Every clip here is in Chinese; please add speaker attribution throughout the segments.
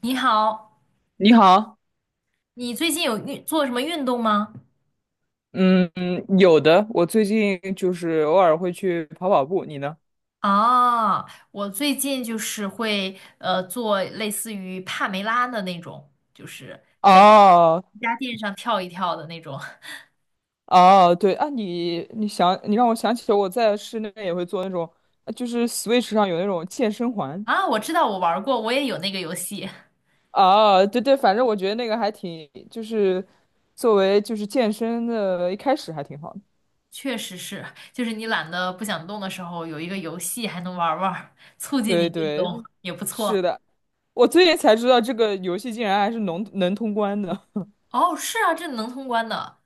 Speaker 1: 你好，
Speaker 2: 你好，
Speaker 1: 你最近有做什么运动吗？
Speaker 2: 嗯，有的，我最近就是偶尔会去跑跑步，你呢？
Speaker 1: 啊，我最近就是会做类似于帕梅拉的那种，就是
Speaker 2: 哦
Speaker 1: 瑜伽垫上跳一跳的那种。
Speaker 2: 哦，对啊，你想，你让我想起了我在室内也会做那种，就是 Switch 上有那种健身环。
Speaker 1: 啊，我知道我玩儿过，我也有那个游戏，
Speaker 2: 啊，对对，反正我觉得那个还挺，就是作为就是健身的一开始还挺好的。
Speaker 1: 确实是，就是你懒得不想动的时候，有一个游戏还能玩儿玩儿，促进你
Speaker 2: 对
Speaker 1: 运
Speaker 2: 对，
Speaker 1: 动
Speaker 2: 是
Speaker 1: 也不
Speaker 2: 是
Speaker 1: 错。
Speaker 2: 的，我最近才知道这个游戏竟然还是能通关的。
Speaker 1: 哦，是啊，这能通关的，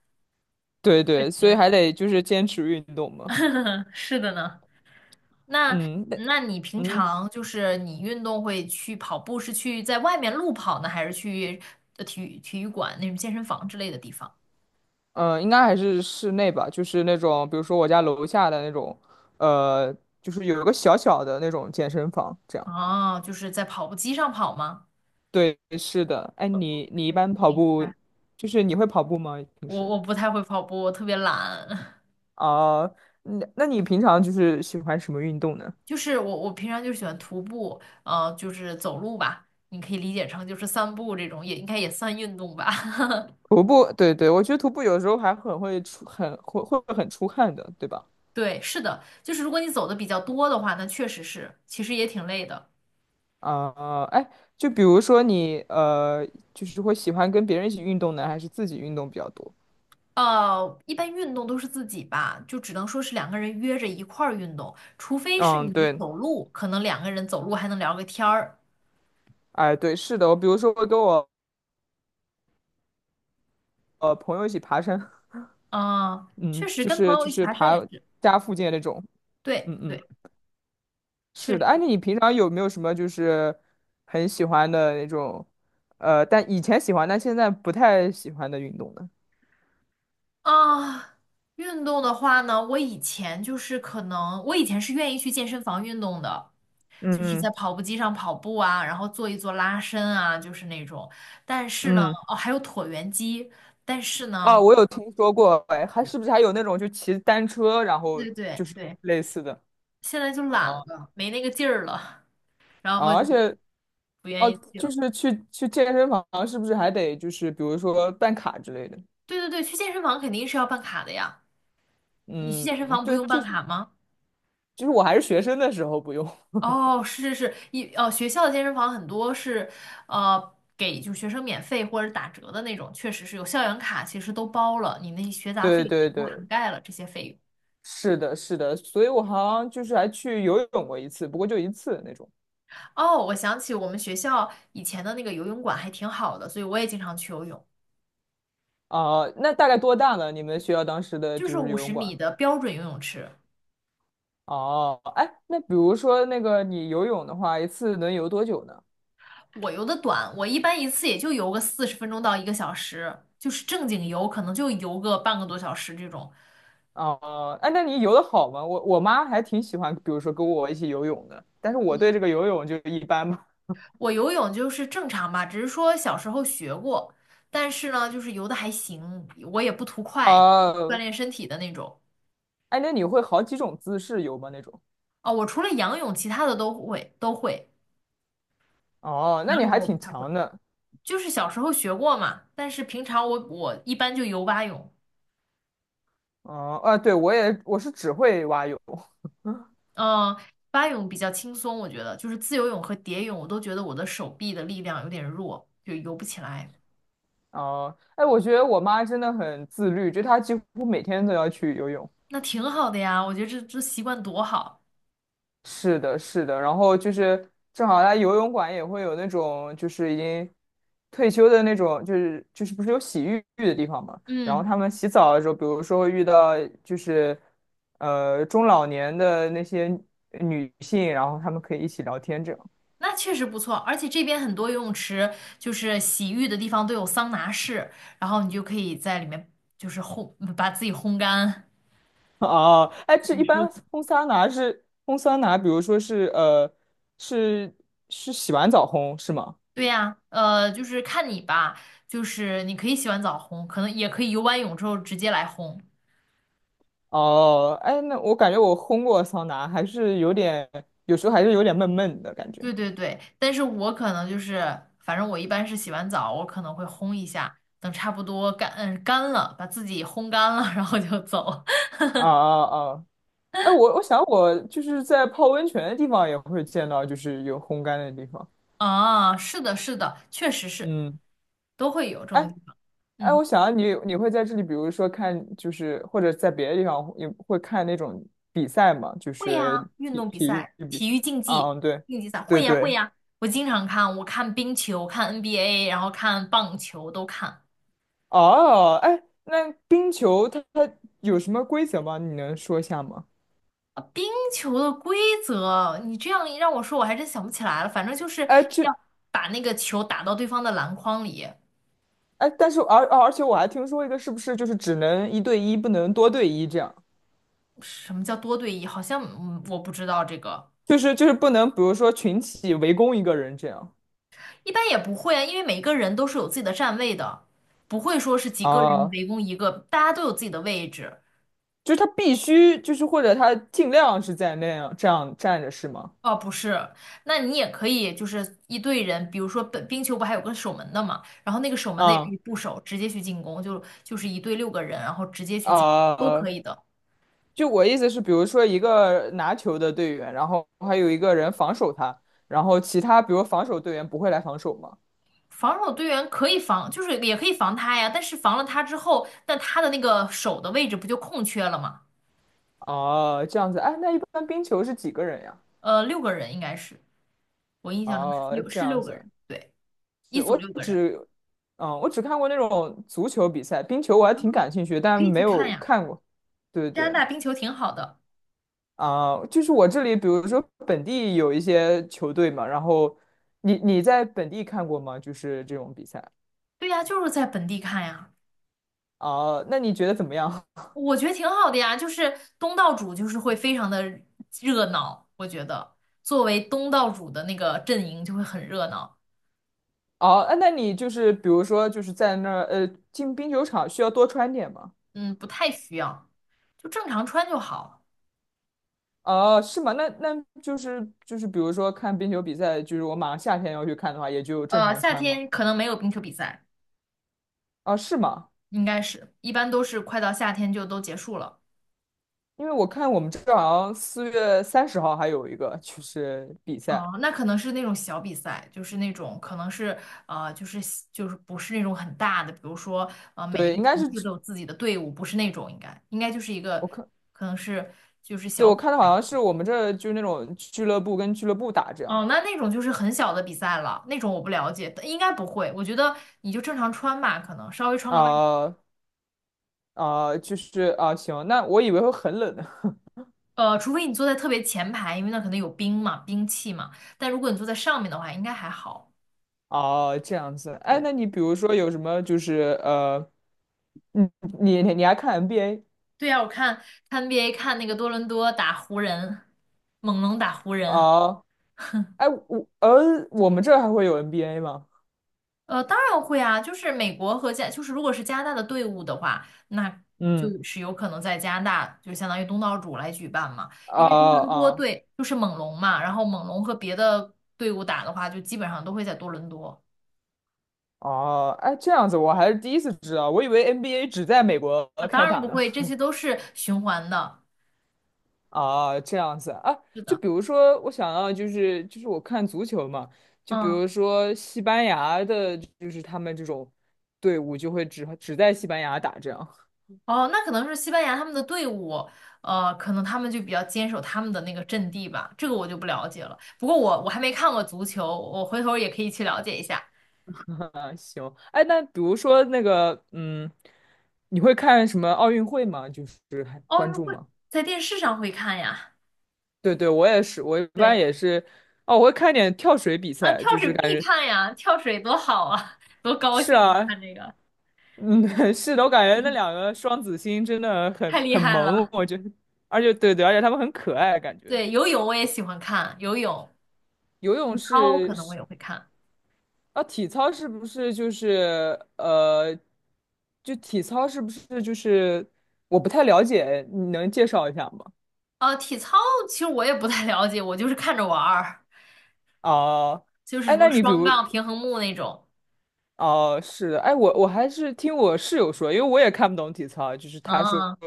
Speaker 2: 对
Speaker 1: 确
Speaker 2: 对，所以
Speaker 1: 实，
Speaker 2: 还得就是坚持运动嘛。
Speaker 1: 是的呢。那
Speaker 2: 嗯那
Speaker 1: 那你平
Speaker 2: 嗯。
Speaker 1: 常就是你运动会去跑步，是去在外面路跑呢，还是去体育馆那种健身房之类的地方？
Speaker 2: 嗯，应该还是室内吧，就是那种，比如说我家楼下的那种，呃，就是有一个小小的那种健身房，这样。
Speaker 1: 哦，就是在跑步机上跑吗？
Speaker 2: 对，是的。哎，你一
Speaker 1: 可以，
Speaker 2: 般跑
Speaker 1: 明
Speaker 2: 步，
Speaker 1: 白。
Speaker 2: 就是你会跑步吗？平
Speaker 1: 我
Speaker 2: 时？
Speaker 1: 我不太会跑步，我特别懒。
Speaker 2: 啊，那你平常就是喜欢什么运动呢？
Speaker 1: 就是我平常就喜欢徒步，就是走路吧，你可以理解成就是散步这种，也应该也算运动吧。
Speaker 2: 徒步，对对，我觉得徒步有时候还很会很出汗的，对吧？
Speaker 1: 对，是的，就是如果你走的比较多的话，那确实是，其实也挺累的。
Speaker 2: 啊、哎，就比如说你就是会喜欢跟别人一起运动呢，还是自己运动比较多？
Speaker 1: 一般运动都是自己吧，就只能说是两个人约着一块儿运动，除非是
Speaker 2: 嗯，
Speaker 1: 你
Speaker 2: 对。
Speaker 1: 走路，可能两个人走路还能聊个天儿。
Speaker 2: 哎，对，是的，我比如说我跟我朋友一起爬山，
Speaker 1: 啊、确
Speaker 2: 嗯，
Speaker 1: 实
Speaker 2: 就
Speaker 1: 跟朋
Speaker 2: 是
Speaker 1: 友
Speaker 2: 就
Speaker 1: 一起
Speaker 2: 是
Speaker 1: 爬山
Speaker 2: 爬
Speaker 1: 也是，
Speaker 2: 家附近的那种，
Speaker 1: 对
Speaker 2: 嗯
Speaker 1: 对，
Speaker 2: 嗯，
Speaker 1: 确
Speaker 2: 是的。
Speaker 1: 实
Speaker 2: 哎，那你平常有没有什么就是很喜欢的那种，但以前喜欢，但现在不太喜欢的运动呢？
Speaker 1: 啊。运动的话呢，我以前就是可能，我以前是愿意去健身房运动的，
Speaker 2: 嗯
Speaker 1: 就是在
Speaker 2: 嗯，
Speaker 1: 跑步机上跑步啊，然后做一做拉伸啊，就是那种。但是呢，
Speaker 2: 嗯。
Speaker 1: 哦，还有椭圆机，但是
Speaker 2: 哦，
Speaker 1: 呢，
Speaker 2: 我有听说过，哎，还是不是还有那种就骑单车，然后
Speaker 1: 对
Speaker 2: 就
Speaker 1: 对
Speaker 2: 是
Speaker 1: 对，
Speaker 2: 类似的，
Speaker 1: 现在就懒
Speaker 2: 哦，
Speaker 1: 了，没那个劲儿了。然后
Speaker 2: 啊，而
Speaker 1: 就
Speaker 2: 且
Speaker 1: 不愿
Speaker 2: 哦，
Speaker 1: 意去
Speaker 2: 就
Speaker 1: 了。
Speaker 2: 是去健身房，是不是还得就是比如说办卡之类的？
Speaker 1: 对对对，去健身房肯定是要办卡的呀。你去
Speaker 2: 嗯，
Speaker 1: 健身房不
Speaker 2: 对，
Speaker 1: 用
Speaker 2: 就
Speaker 1: 办卡吗？
Speaker 2: 就是我还是学生的时候不用。
Speaker 1: 哦，是是是，哦，学校的健身房很多是，给就学生免费或者打折的那种，确实是有校园卡，其实都包了，你那些学杂费
Speaker 2: 对
Speaker 1: 也
Speaker 2: 对
Speaker 1: 都涵
Speaker 2: 对，
Speaker 1: 盖了这些费用。
Speaker 2: 是的，是的，所以我好像就是还去游泳过一次，不过就一次那种。
Speaker 1: 哦，我想起我们学校以前的那个游泳馆还挺好的，所以我也经常去游泳，
Speaker 2: 啊、那大概多大呢？你们学校当时的
Speaker 1: 就是
Speaker 2: 就是
Speaker 1: 五
Speaker 2: 游
Speaker 1: 十
Speaker 2: 泳馆？
Speaker 1: 米的标准游泳池。
Speaker 2: 哦，哎，那比如说那个你游泳的话，一次能游多久呢？
Speaker 1: 我游的短，我一般一次也就游个40分钟到一个小时，就是正经游可能就游个半个多小时这种。
Speaker 2: 哦，哎，那你游的好吗？我妈还挺喜欢，比如说跟我一起游泳的，但是我对这个游泳就一般吧。
Speaker 1: 我游泳就是正常吧，只是说小时候学过，但是呢，就是游的还行，我也不图 快，锻
Speaker 2: 哦，
Speaker 1: 炼身体的那种。
Speaker 2: 哎，那你会好几种姿势游吗？那种？
Speaker 1: 哦，我除了仰泳，其他的都会，
Speaker 2: 哦，那
Speaker 1: 仰
Speaker 2: 你
Speaker 1: 泳
Speaker 2: 还
Speaker 1: 我不
Speaker 2: 挺
Speaker 1: 太会，
Speaker 2: 强的。
Speaker 1: 就是小时候学过嘛，但是平常我一般就游蛙泳。
Speaker 2: 哦，啊，对，我是只会蛙泳。
Speaker 1: 嗯，蛙泳比较轻松，我觉得就是自由泳和蝶泳，我都觉得我的手臂的力量有点弱，就游不起来。
Speaker 2: 哦，哎，我觉得我妈真的很自律，就她几乎每天都要去游泳。
Speaker 1: 那挺好的呀，我觉得这习惯多好。
Speaker 2: 是的，是的。然后就是正好她游泳馆也会有那种就是已经退休的那种，就是不是有洗浴的地方嘛？然
Speaker 1: 嗯，
Speaker 2: 后他们洗澡的时候，比如说会遇到就是中老年的那些女性，然后他们可以一起聊天这样。
Speaker 1: 那确实不错，而且这边很多游泳池就是洗浴的地方都有桑拿室，然后你就可以在里面就是烘，把自己烘干。
Speaker 2: 哦，哎，这一
Speaker 1: 舒
Speaker 2: 般
Speaker 1: 服
Speaker 2: 烘桑拿是烘桑拿，比如说是是是洗完澡烘是吗？
Speaker 1: 对呀，就是看你吧，就是你可以洗完澡烘，可能也可以游完泳之后直接来烘。
Speaker 2: 哦，哎，那我感觉我烘过桑拿，还是有点，有时候还是有点闷闷的感觉。
Speaker 1: 对对对，但是我可能就是，反正我一般是洗完澡，我可能会烘一下，等差不多干，干了，把自己烘干了，然后就走。
Speaker 2: 啊啊啊！哎，我想我就是在泡温泉的地方也会见到，就是有烘干的地方。
Speaker 1: 啊，是的，是的，确实是，
Speaker 2: 嗯。
Speaker 1: 都会有这种地方。
Speaker 2: 哎，
Speaker 1: 嗯，
Speaker 2: 我想啊你会在这里，比如说看，就是或者在别的地方也会看那种比赛嘛，就
Speaker 1: 会
Speaker 2: 是
Speaker 1: 呀，运
Speaker 2: 体
Speaker 1: 动比
Speaker 2: 体育
Speaker 1: 赛、
Speaker 2: 比赛。
Speaker 1: 体育竞技、
Speaker 2: 啊嗯，对，
Speaker 1: 竞技赛，
Speaker 2: 对
Speaker 1: 会呀，会
Speaker 2: 对。
Speaker 1: 呀，我经常看，我看冰球，看 NBA，然后看棒球都看。
Speaker 2: 哦，哎，那冰球它有什么规则吗？你能说一下吗？
Speaker 1: 冰球的规则，你这样一让我说，我还真想不起来了。反正就是
Speaker 2: 哎，
Speaker 1: 要把那个球打到对方的篮筐里。
Speaker 2: 但是而且我还听说一个，是不是就是只能一对一，不能多对一这样？
Speaker 1: 什么叫多对一？好像我不知道这个，
Speaker 2: 就是不能，比如说群体围攻一个人这样。
Speaker 1: 一般也不会啊，因为每个人都是有自己的站位的，不会说是几个人
Speaker 2: 啊，
Speaker 1: 围攻一个，大家都有自己的位置。
Speaker 2: 就是他必须就是或者他尽量是在那样这样站着是吗？
Speaker 1: 哦，不是，那你也可以就是一队人，比如说本冰球不还有个守门的嘛，然后那个守门的也可
Speaker 2: 啊。
Speaker 1: 以不守，直接去进攻，就是一队六个人，然后直接去进攻都可
Speaker 2: 啊，
Speaker 1: 以的。
Speaker 2: 就我意思是，比如说一个拿球的队员，然后还有一个人防守他，然后其他比如防守队员不会来防守吗？
Speaker 1: 防守队员可以防，就是也可以防他呀，但是防了他之后，那他的那个手的位置不就空缺了吗？
Speaker 2: 哦，这样子，哎，那一般冰球是几个人呀？
Speaker 1: 六个人应该是，我印象中是
Speaker 2: 哦，
Speaker 1: 六
Speaker 2: 这
Speaker 1: 是
Speaker 2: 样
Speaker 1: 六个
Speaker 2: 子，
Speaker 1: 人，对，一
Speaker 2: 是
Speaker 1: 组
Speaker 2: 我
Speaker 1: 六个人，
Speaker 2: 只，我只看过那种足球比赛，冰球我还挺感兴趣，但
Speaker 1: 可以
Speaker 2: 没
Speaker 1: 去看
Speaker 2: 有
Speaker 1: 呀。
Speaker 2: 看过。对
Speaker 1: 加拿
Speaker 2: 对，
Speaker 1: 大冰球挺好的，
Speaker 2: 啊、就是我这里，比如说本地有一些球队嘛，然后你在本地看过吗？就是这种比赛。
Speaker 1: 对呀，就是在本地看呀，
Speaker 2: 啊？那你觉得怎么样？
Speaker 1: 我觉得挺好的呀。就是东道主就是会非常的热闹，我觉得作为东道主的那个阵营就会很热闹，
Speaker 2: 哦，啊那你就是比如说就是在那儿进冰球场需要多穿点吗？
Speaker 1: 嗯，不太需要，就正常穿就好。
Speaker 2: 哦，是吗？那就是比如说看冰球比赛，就是我马上夏天要去看的话，也就正常
Speaker 1: 夏
Speaker 2: 穿吗？
Speaker 1: 天可能没有冰球比赛。
Speaker 2: 啊，是吗？
Speaker 1: 应该是，一般都是快到夏天就都结束了。
Speaker 2: 因为我看我们这儿好像四月三十号还有一个就是比赛，
Speaker 1: 哦，那可能是那种小比赛，就是那种可能是就是就是不是那种很大的，比如说每一
Speaker 2: 对，
Speaker 1: 个
Speaker 2: 应该
Speaker 1: 城
Speaker 2: 是
Speaker 1: 市都有自己的队伍，不是那种应该就是一
Speaker 2: 我
Speaker 1: 个
Speaker 2: 看，
Speaker 1: 可能是就是
Speaker 2: 对
Speaker 1: 小
Speaker 2: 我
Speaker 1: 比
Speaker 2: 看的好像是我们这儿就是那种俱乐部跟俱乐部打这样，
Speaker 1: 哦，那种就是很小的比赛了，那种我不了解，应该不会。我觉得你就正常穿吧，可能稍微穿个外，
Speaker 2: 啊、啊、就是啊、行，那我以为会很冷呢。
Speaker 1: 除非你坐在特别前排，因为那可能有兵嘛，兵器嘛。但如果你坐在上面的话，应该还好，
Speaker 2: 哦，这样子。
Speaker 1: 对。
Speaker 2: 哎，那你比如说有什么就是你你还看 NBA？
Speaker 1: 对呀，我看 NBA 看那个多伦多打湖人，猛龙打湖人。
Speaker 2: 哦，哎，我们这儿还会有 NBA 吗？
Speaker 1: 当然会啊，就是美国和加，就是如果是加拿大的队伍的话，那
Speaker 2: 嗯，
Speaker 1: 就是有可能在加拿大，就相当于东道主来举办嘛。因
Speaker 2: 啊
Speaker 1: 为多伦多
Speaker 2: 啊
Speaker 1: 队就是猛龙嘛，然后猛龙和别的队伍打的话，就基本上都会在多伦多。
Speaker 2: 啊，哎，这样子我还是第一次知道，我以为 NBA 只在美国
Speaker 1: 啊，
Speaker 2: 开
Speaker 1: 当然
Speaker 2: 打
Speaker 1: 不
Speaker 2: 呢。
Speaker 1: 会，这些都是循环的。
Speaker 2: 啊，这样子啊，
Speaker 1: 是
Speaker 2: 就
Speaker 1: 的，
Speaker 2: 比如说，我想要就是我看足球嘛，就比
Speaker 1: 嗯。
Speaker 2: 如说西班牙的，就是他们这种队伍就会只在西班牙打这样。
Speaker 1: 哦，那可能是西班牙他们的队伍，可能他们就比较坚守他们的那个阵地吧，这个我就不了解了。不过我还没看过足球，我回头也可以去了解一下。
Speaker 2: 行，哎，那比如说那个，嗯，你会看什么奥运会吗？就是还
Speaker 1: 奥
Speaker 2: 关
Speaker 1: 运
Speaker 2: 注
Speaker 1: 会
Speaker 2: 吗？
Speaker 1: 在电视上会看呀，
Speaker 2: 对对，我也是，我一般
Speaker 1: 对，
Speaker 2: 也是，哦，我会看点跳水比
Speaker 1: 啊，
Speaker 2: 赛，
Speaker 1: 跳
Speaker 2: 就是
Speaker 1: 水
Speaker 2: 感
Speaker 1: 必
Speaker 2: 觉
Speaker 1: 看呀，跳水多好啊，多高
Speaker 2: 是
Speaker 1: 兴啊
Speaker 2: 啊，
Speaker 1: 看这个，
Speaker 2: 嗯，是的，我感觉那 两个双子星真的
Speaker 1: 太
Speaker 2: 很
Speaker 1: 厉
Speaker 2: 很
Speaker 1: 害
Speaker 2: 萌，
Speaker 1: 了。
Speaker 2: 我觉得，而且对对，而且他们很可爱，感觉
Speaker 1: 对，游泳我也喜欢看，游泳、
Speaker 2: 游
Speaker 1: 体
Speaker 2: 泳
Speaker 1: 操可
Speaker 2: 是
Speaker 1: 能我
Speaker 2: 是
Speaker 1: 也会看。
Speaker 2: 啊，体操是不是就是就体操是不是就是我不太了解，你能介绍一下吗？
Speaker 1: 体操其实我也不太了解，我就是看着玩儿，
Speaker 2: 哦，
Speaker 1: 就是
Speaker 2: 哎，
Speaker 1: 什么
Speaker 2: 那你比
Speaker 1: 双
Speaker 2: 如，
Speaker 1: 杠、平衡木那种。
Speaker 2: 哦，是的，哎，我还是听我室友说，因为我也看不懂体操，就是
Speaker 1: 嗯。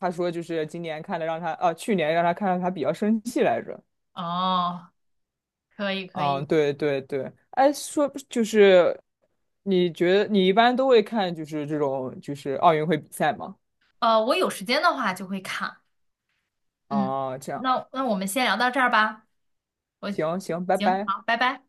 Speaker 2: 他说就是今年看的让他，啊，去年让他看到他比较生气来着。
Speaker 1: 哦，可以可
Speaker 2: 嗯，
Speaker 1: 以，
Speaker 2: 对对对，哎，说就是你觉得你一般都会看就是这种就是奥运会比赛吗？
Speaker 1: 我有时间的话就会看，嗯，
Speaker 2: 啊，这样，
Speaker 1: 那我们先聊到这儿吧，我，
Speaker 2: 行行，拜
Speaker 1: 行，
Speaker 2: 拜。
Speaker 1: 好，拜拜。